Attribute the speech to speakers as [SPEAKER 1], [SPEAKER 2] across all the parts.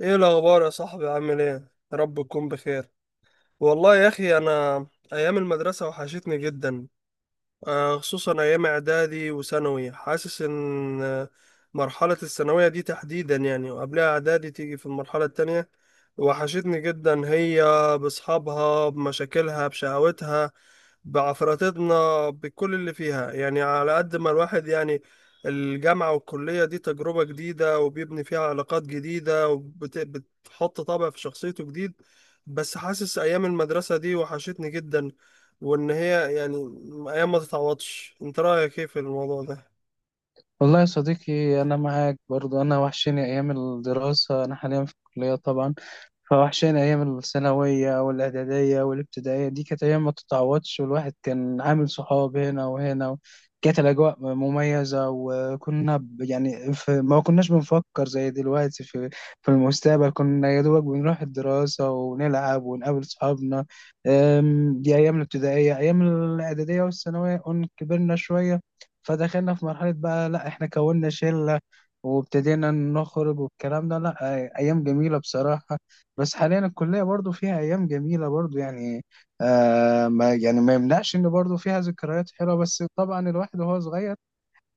[SPEAKER 1] ايه الاخبار يا صاحبي؟ عامل ايه؟ يا رب تكون بخير. والله يا اخي، انا ايام المدرسه وحشتني جدا. خصوصا أيام إعدادي وثانوي، حاسس إن مرحلة الثانوية دي تحديدا، يعني وقبلها إعدادي تيجي في المرحلة التانية. وحشتني جدا هي، بأصحابها بمشاكلها بشقاوتها بعفراتنا بكل اللي فيها، يعني على قد ما الواحد يعني الجامعة والكلية دي تجربة جديدة وبيبني فيها علاقات جديدة وبتحط طابع في شخصيته جديد. بس حاسس أيام المدرسة دي وحشتني جدا، وان هي يعني ايام ما تتعوضش. انت رايك ايه في الموضوع ده؟
[SPEAKER 2] والله يا صديقي أنا معاك برضو. أنا وحشني أيام الدراسة. أنا حاليا في الكلية طبعا، فوحشاني أيام الثانوية والإعدادية والابتدائية. دي كانت أيام ما تتعوضش، والواحد كان عامل صحاب هنا وهنا و... كانت الأجواء مميزة. يعني في ما كناش بنفكر زي دلوقتي في في المستقبل. كنا يا دوبك بنروح الدراسة ونلعب ونقابل صحابنا. دي أيام الابتدائية. أيام الإعدادية والثانوية كبرنا شوية، فدخلنا في مرحلة بقى لأ، إحنا كوننا شلة وابتدينا نخرج والكلام ده. لأ، أيام جميلة بصراحة. بس حاليا الكلية برضو فيها أيام جميلة برضو يعني. آه، ما يعني ما يمنعش إن برضو فيها ذكريات حلوة، بس طبعا الواحد وهو صغير.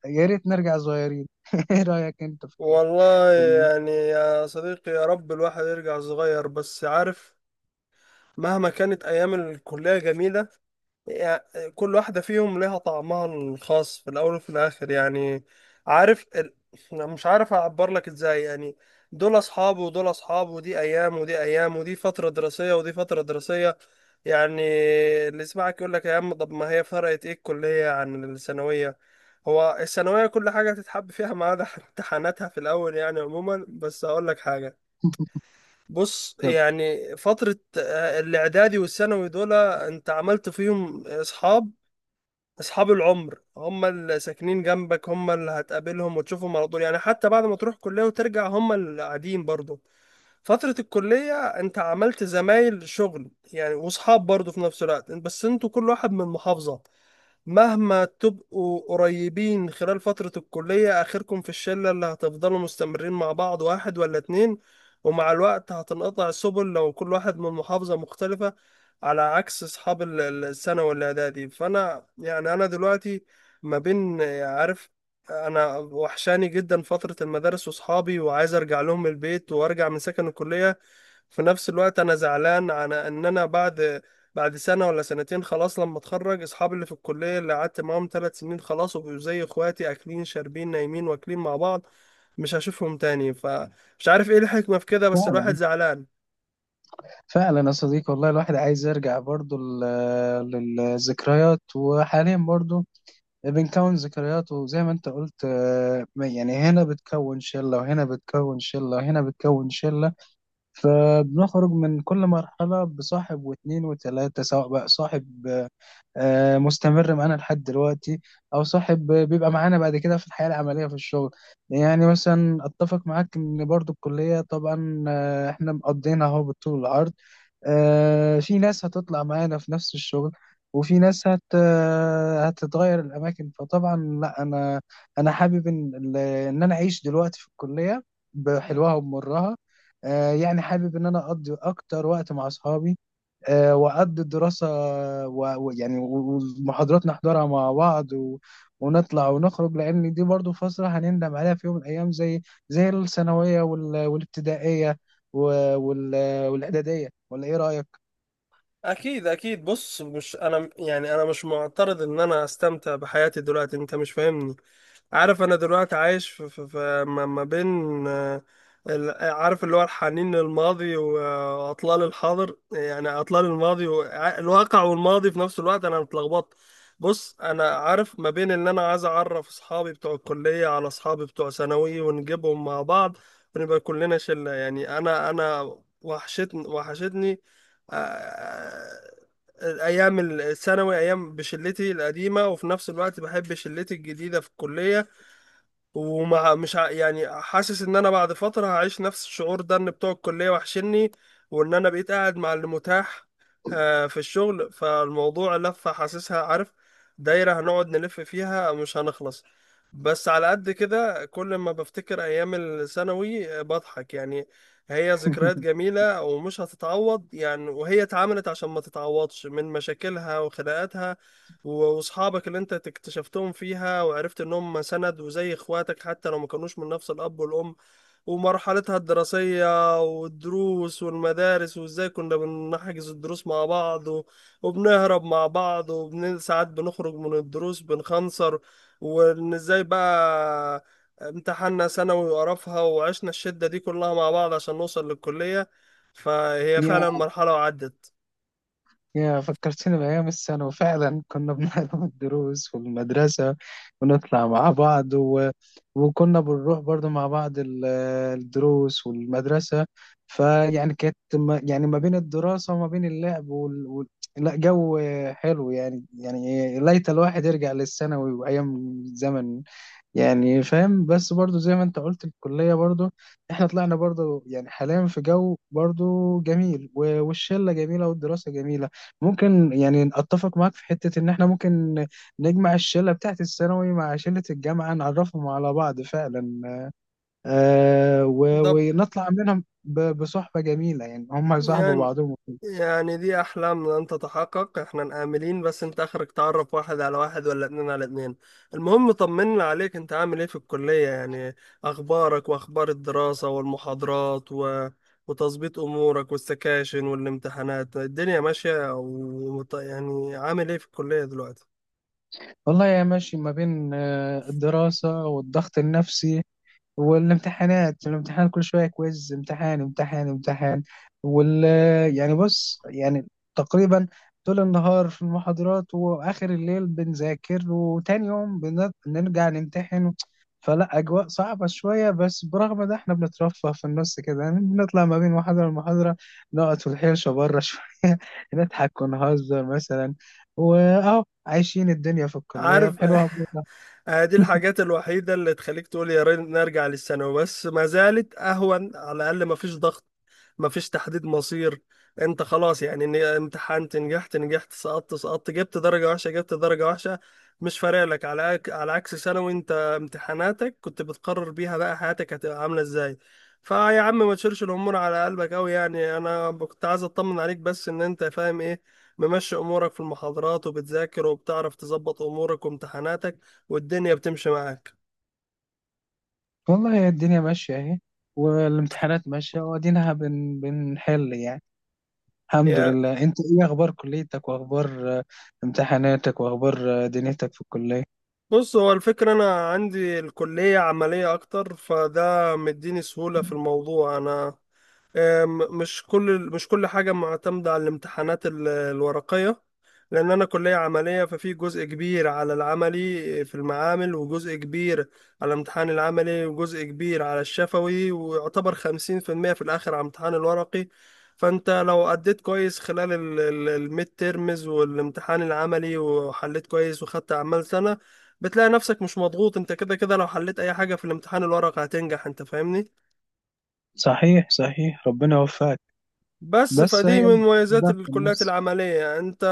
[SPEAKER 2] يا ريت نرجع صغيرين. إيه رأيك أنت في
[SPEAKER 1] والله
[SPEAKER 2] الفكرة؟
[SPEAKER 1] يعني يا صديقي، يا رب الواحد يرجع صغير، بس عارف، مهما كانت ايام الكليه جميله يعني، كل واحده فيهم ليها طعمها الخاص في الاول وفي الاخر. يعني عارف أنا مش عارف اعبر لك ازاي. يعني دول اصحاب ودول اصحاب ودي ايام ودي ايام ودي فتره دراسيه ودي فتره دراسيه. يعني اللي يسمعك يقول لك: يا عم، طب ما هي فرقت ايه الكليه عن الثانويه؟ هو الثانوية كل حاجة تتحب فيها ما عدا امتحاناتها في الأول، يعني عموما. بس هقول لك حاجة، بص يعني فترة الإعدادي والثانوي، دول أنت عملت فيهم أصحاب. أصحاب العمر هم اللي ساكنين جنبك، هم اللي هتقابلهم وتشوفهم على طول، يعني حتى بعد ما تروح كلية وترجع هم اللي قاعدين برضه. فترة الكلية أنت عملت زمايل شغل يعني، وأصحاب برضه في نفس الوقت، بس أنتوا كل واحد من محافظة. مهما تبقوا قريبين خلال فترة الكلية، آخركم في الشلة اللي هتفضلوا مستمرين مع بعض واحد ولا اتنين. ومع الوقت هتنقطع السبل لو كل واحد من محافظة مختلفة، على عكس أصحاب الثانوي والإعدادي. فأنا يعني أنا دلوقتي ما بين، عارف، أنا وحشاني جدا فترة المدارس وأصحابي، وعايز أرجع لهم البيت وأرجع من سكن الكلية. في نفس الوقت انا زعلان على ان انا بعد سنه ولا سنتين خلاص لما اتخرج، اصحابي اللي في الكليه اللي قعدت معاهم 3 سنين خلاص وبقوا زي اخواتي، اكلين شاربين نايمين واكلين مع بعض، مش هشوفهم تاني. فمش عارف ايه الحكمه في كده، بس الواحد
[SPEAKER 2] فعلا،
[SPEAKER 1] زعلان.
[SPEAKER 2] فعلا يا صديقي، والله الواحد عايز يرجع برضو للذكريات. وحاليا برضو بنكون ذكريات، وزي ما أنت قلت آه، يعني هنا بتكون شلة وهنا بتكون شلة وهنا بتكون شلة، فبنخرج من كل مرحلة بصاحب واتنين وتلاتة. سواء بقى صاحب آه، مستمر معانا لحد دلوقتي، أو صاحب بيبقى معانا بعد كده في الحياة العملية في الشغل. يعني مثلا أتفق معاك إن برضو الكلية طبعا آه، إحنا مقضينها أهو بالطول والعرض. آه، في ناس هتطلع معانا في نفس الشغل، وفي ناس هت آه، هتتغير الأماكن. فطبعا لا، أنا حابب إن أنا أعيش دلوقتي في الكلية بحلوها ومرها. آه، يعني حابب ان انا اقضي اكتر وقت مع اصحابي، آه، وأقضي الدراسة و- ويعني و- والمحاضرات نحضرها مع بعض و... ونطلع ونخرج، لأن دي برضو فترة هنندم عليها في يوم من الأيام، زي زي الثانوية والابتدائية و... وال... والإعدادية. ولا إيه رأيك؟
[SPEAKER 1] اكيد اكيد. بص، مش انا يعني، انا مش معترض ان انا استمتع بحياتي دلوقتي، انت مش فاهمني. عارف، انا دلوقتي عايش في ما بين آه، عارف، اللي هو الحنين للماضي واطلال الحاضر، يعني اطلال الماضي والواقع والماضي في نفس الوقت. انا متلخبط. بص انا عارف، ما بين ان انا عايز اعرف اصحابي بتوع الكلية على اصحابي بتوع ثانوي ونجيبهم مع بعض ونبقى كلنا شلة. يعني انا وحشتني وحشتني آه، الايام الثانوي، ايام بشلتي القديمه، وفي نفس الوقت بحب شلتي الجديده في الكليه. ومع مش ع... يعني حاسس ان انا بعد فترة هعيش نفس الشعور ده، ان بتوع الكلية وحشني، وان انا بقيت قاعد مع اللي متاح في الشغل. فالموضوع لفة حاسسها، عارف، دايرة هنقعد نلف فيها مش هنخلص. بس على قد كده، كل ما بفتكر ايام الثانوي بضحك يعني. هي ذكريات جميلة ومش هتتعوض يعني، وهي اتعملت عشان ما تتعوضش، من مشاكلها وخناقاتها، واصحابك اللي انت اكتشفتهم فيها وعرفت ان هم سند وزي اخواتك حتى لو ما كانوش من نفس الاب والام، ومرحلتها الدراسيه والدروس والمدارس، وازاي كنا بنحجز الدروس مع بعض وبنهرب مع بعض، ساعات بنخرج من الدروس بنخنصر. وان ازاي بقى امتحاننا ثانوي وقرفها، وعشنا الشده دي كلها مع بعض عشان نوصل للكليه. فهي فعلا مرحله وعدت.
[SPEAKER 2] يا، فكرتني بأيام الثانوي فعلا. كنا بنحضر الدروس والمدرسة ونطلع مع بعض و... وكنا بنروح برضو مع بعض الدروس والمدرسة. فيعني كانت ما... يعني ما بين الدراسة وما بين اللعب لا، جو حلو يعني. يعني ليت الواحد يرجع للثانوي وأيام زمن. يعني فاهم، بس برضو زي ما انت قلت الكلية برضو احنا طلعنا برضو يعني حاليا في جو برضو جميل والشلة جميلة والدراسة جميلة. ممكن يعني اتفق معاك في حتة ان احنا ممكن نجمع الشلة بتاعت الثانوي مع شلة الجامعة، نعرفهم على بعض فعلا. آه، و...
[SPEAKER 1] ده
[SPEAKER 2] ونطلع منهم بصحبة جميلة يعني، هم يصاحبوا
[SPEAKER 1] يعني
[SPEAKER 2] بعضهم.
[SPEAKER 1] يعني دي أحلام لن تتحقق، احنا آملين، بس انت آخرك تعرف واحد على واحد ولا اتنين على اتنين. المهم طمنا عليك، انت عامل ايه في الكلية يعني؟ أخبارك وأخبار الدراسة والمحاضرات وتظبيط أمورك والسكاشن والامتحانات، الدنيا ماشية يعني عامل ايه في الكلية دلوقتي؟
[SPEAKER 2] والله يا ماشي، ما بين آه، الدراسة والضغط النفسي والامتحانات. الامتحان كل شوية، كويز، امتحان امتحان امتحان. وال... يعني بص يعني تقريبا طول النهار في المحاضرات، وآخر الليل بنذاكر، وتاني يوم بنرجع نمتحن. فلا، أجواء صعبة شوية، بس برغم ده احنا بنترفه في النص كده يعني. بنطلع ما بين محاضرة لمحاضرة، نقعد في الحيشة بره شوية، نضحك ونهزر مثلا، وأهو عايشين الدنيا في الكلية
[SPEAKER 1] عارف
[SPEAKER 2] بحلوها.
[SPEAKER 1] دي الحاجات الوحيدة اللي تخليك تقول يا ريت نرجع للثانوي، بس ما زالت أهون. على الأقل ما فيش ضغط، مفيش تحديد مصير. انت خلاص يعني ان امتحنت، نجحت نجحت، سقطت سقطت، جبت درجة وحشة جبت درجة وحشة، مش فارق لك. على على عكس ثانوي، انت امتحاناتك كنت بتقرر بيها بقى حياتك هتبقى عاملة ازاي. فيا عم، ما تشيلش الامور على قلبك قوي يعني. انا كنت عايز اطمن عليك، بس ان انت فاهم ايه، ممشي امورك في المحاضرات وبتذاكر وبتعرف تظبط امورك وامتحاناتك، والدنيا بتمشي معاك.
[SPEAKER 2] والله هي الدنيا ماشية اهي، والامتحانات ماشية وادينها بنحل يعني. الحمد
[SPEAKER 1] يا
[SPEAKER 2] لله. انت ايه اخبار كليتك واخبار آه، امتحاناتك واخبار آه، دنيتك في الكلية؟
[SPEAKER 1] بص، هو الفكرة أنا عندي الكلية عملية أكتر، فده مديني سهولة في الموضوع. أنا مش كل حاجة معتمدة على الامتحانات الورقية، لأن أنا كلية عملية. ففي جزء كبير على العملي في المعامل، وجزء كبير على الامتحان العملي، وجزء كبير على الشفوي، ويعتبر 50% في الآخر على الامتحان الورقي. فأنت لو أديت كويس خلال الميد تيرمز والامتحان العملي وحليت كويس وخدت أعمال سنة، بتلاقي نفسك مش مضغوط. أنت كده كده لو حليت أي حاجة في الامتحان الورقي هتنجح. أنت فاهمني؟
[SPEAKER 2] صحيح، صحيح، ربنا يوفقك.
[SPEAKER 1] بس
[SPEAKER 2] بس
[SPEAKER 1] فدي
[SPEAKER 2] هي
[SPEAKER 1] من مميزات
[SPEAKER 2] الضغط
[SPEAKER 1] الكليات
[SPEAKER 2] النفسي.
[SPEAKER 1] العملية. انت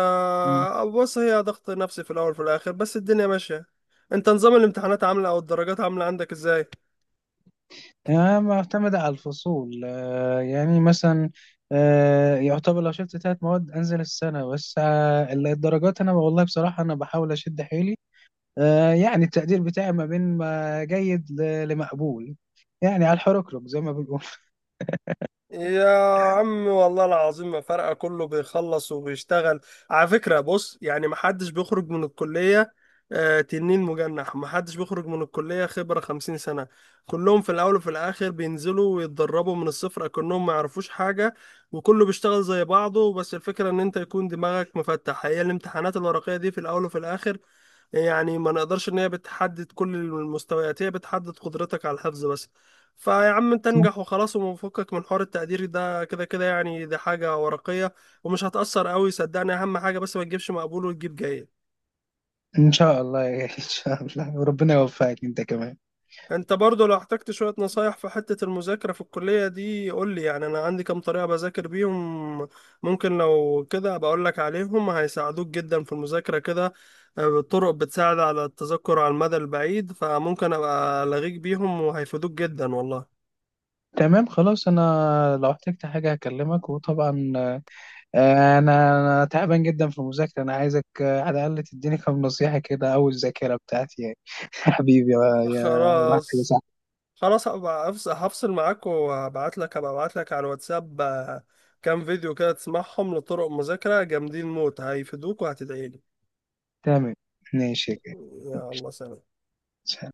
[SPEAKER 2] مم.
[SPEAKER 1] بص، هي ضغط نفسي في الاول وفي الاخر، بس الدنيا ماشية. انت نظام الامتحانات عاملة او الدرجات عاملة عندك ازاي؟
[SPEAKER 2] يعني معتمدة على الفصول. آه، يعني مثلا آه، يعتبر لو شفت 3 مواد انزل السنة. بس آه، الدرجات انا والله بصراحة انا بحاول اشد حيلي. آه، يعني التقدير بتاعي ما بين ما جيد لمقبول، يعني على الحركرك زي ما بيقولوا.
[SPEAKER 1] يا عم والله العظيم ما فارقة، كله بيخلص وبيشتغل. على فكرة بص يعني محدش بيخرج من الكلية تنين مجنح، محدش بيخرج من الكلية خبرة 50 سنة. كلهم في الأول وفي الآخر بينزلوا ويتدربوا من الصفر كأنهم ما يعرفوش حاجة، وكله بيشتغل زي بعضه. بس الفكرة إن أنت يكون دماغك مفتح. هي الامتحانات الورقية دي في الأول وفي الآخر، يعني ما نقدرش ان هي بتحدد كل المستويات، هي بتحدد قدرتك على الحفظ بس. فيا عم انت انجح وخلاص، وفكك من حوار التقدير ده. كده كده يعني دي حاجة ورقية، ومش هتأثر قوي، صدقني. اهم حاجة بس ما تجيبش مقبول وتجيب جيد.
[SPEAKER 2] ان شاء الله يا- ان شاء الله، وربنا يوفقك انت كمان.
[SPEAKER 1] انت برضو لو احتجت شوية نصايح في حتة المذاكرة في الكلية دي قول لي. يعني انا عندي كام طريقة بذاكر بيهم، ممكن لو كده بقول لك عليهم هيساعدوك جدا في المذاكرة كده. طرق بتساعد على التذكر على المدى البعيد، فممكن ابقى الغيك بيهم وهيفيدوك جدا والله.
[SPEAKER 2] تمام، خلاص. انا لو احتجت حاجه هكلمك. وطبعا آه، أنا تعبان جدا في المذاكره. انا عايزك آه، على الاقل تديني كام نصيحه كده، او الذاكره بتاعتي يعني. حبيبي يا، يا، يا
[SPEAKER 1] خلاص
[SPEAKER 2] صاحبي.
[SPEAKER 1] خلاص، هبقى هفصل معاك، وهبعت لك هبقى ابعت لك على الواتساب كام فيديو كده تسمعهم لطرق مذاكرة جامدين موت، هيفيدوك وهتدعي لي.
[SPEAKER 2] تمام، ماشي
[SPEAKER 1] يلا سلام.
[SPEAKER 2] كده.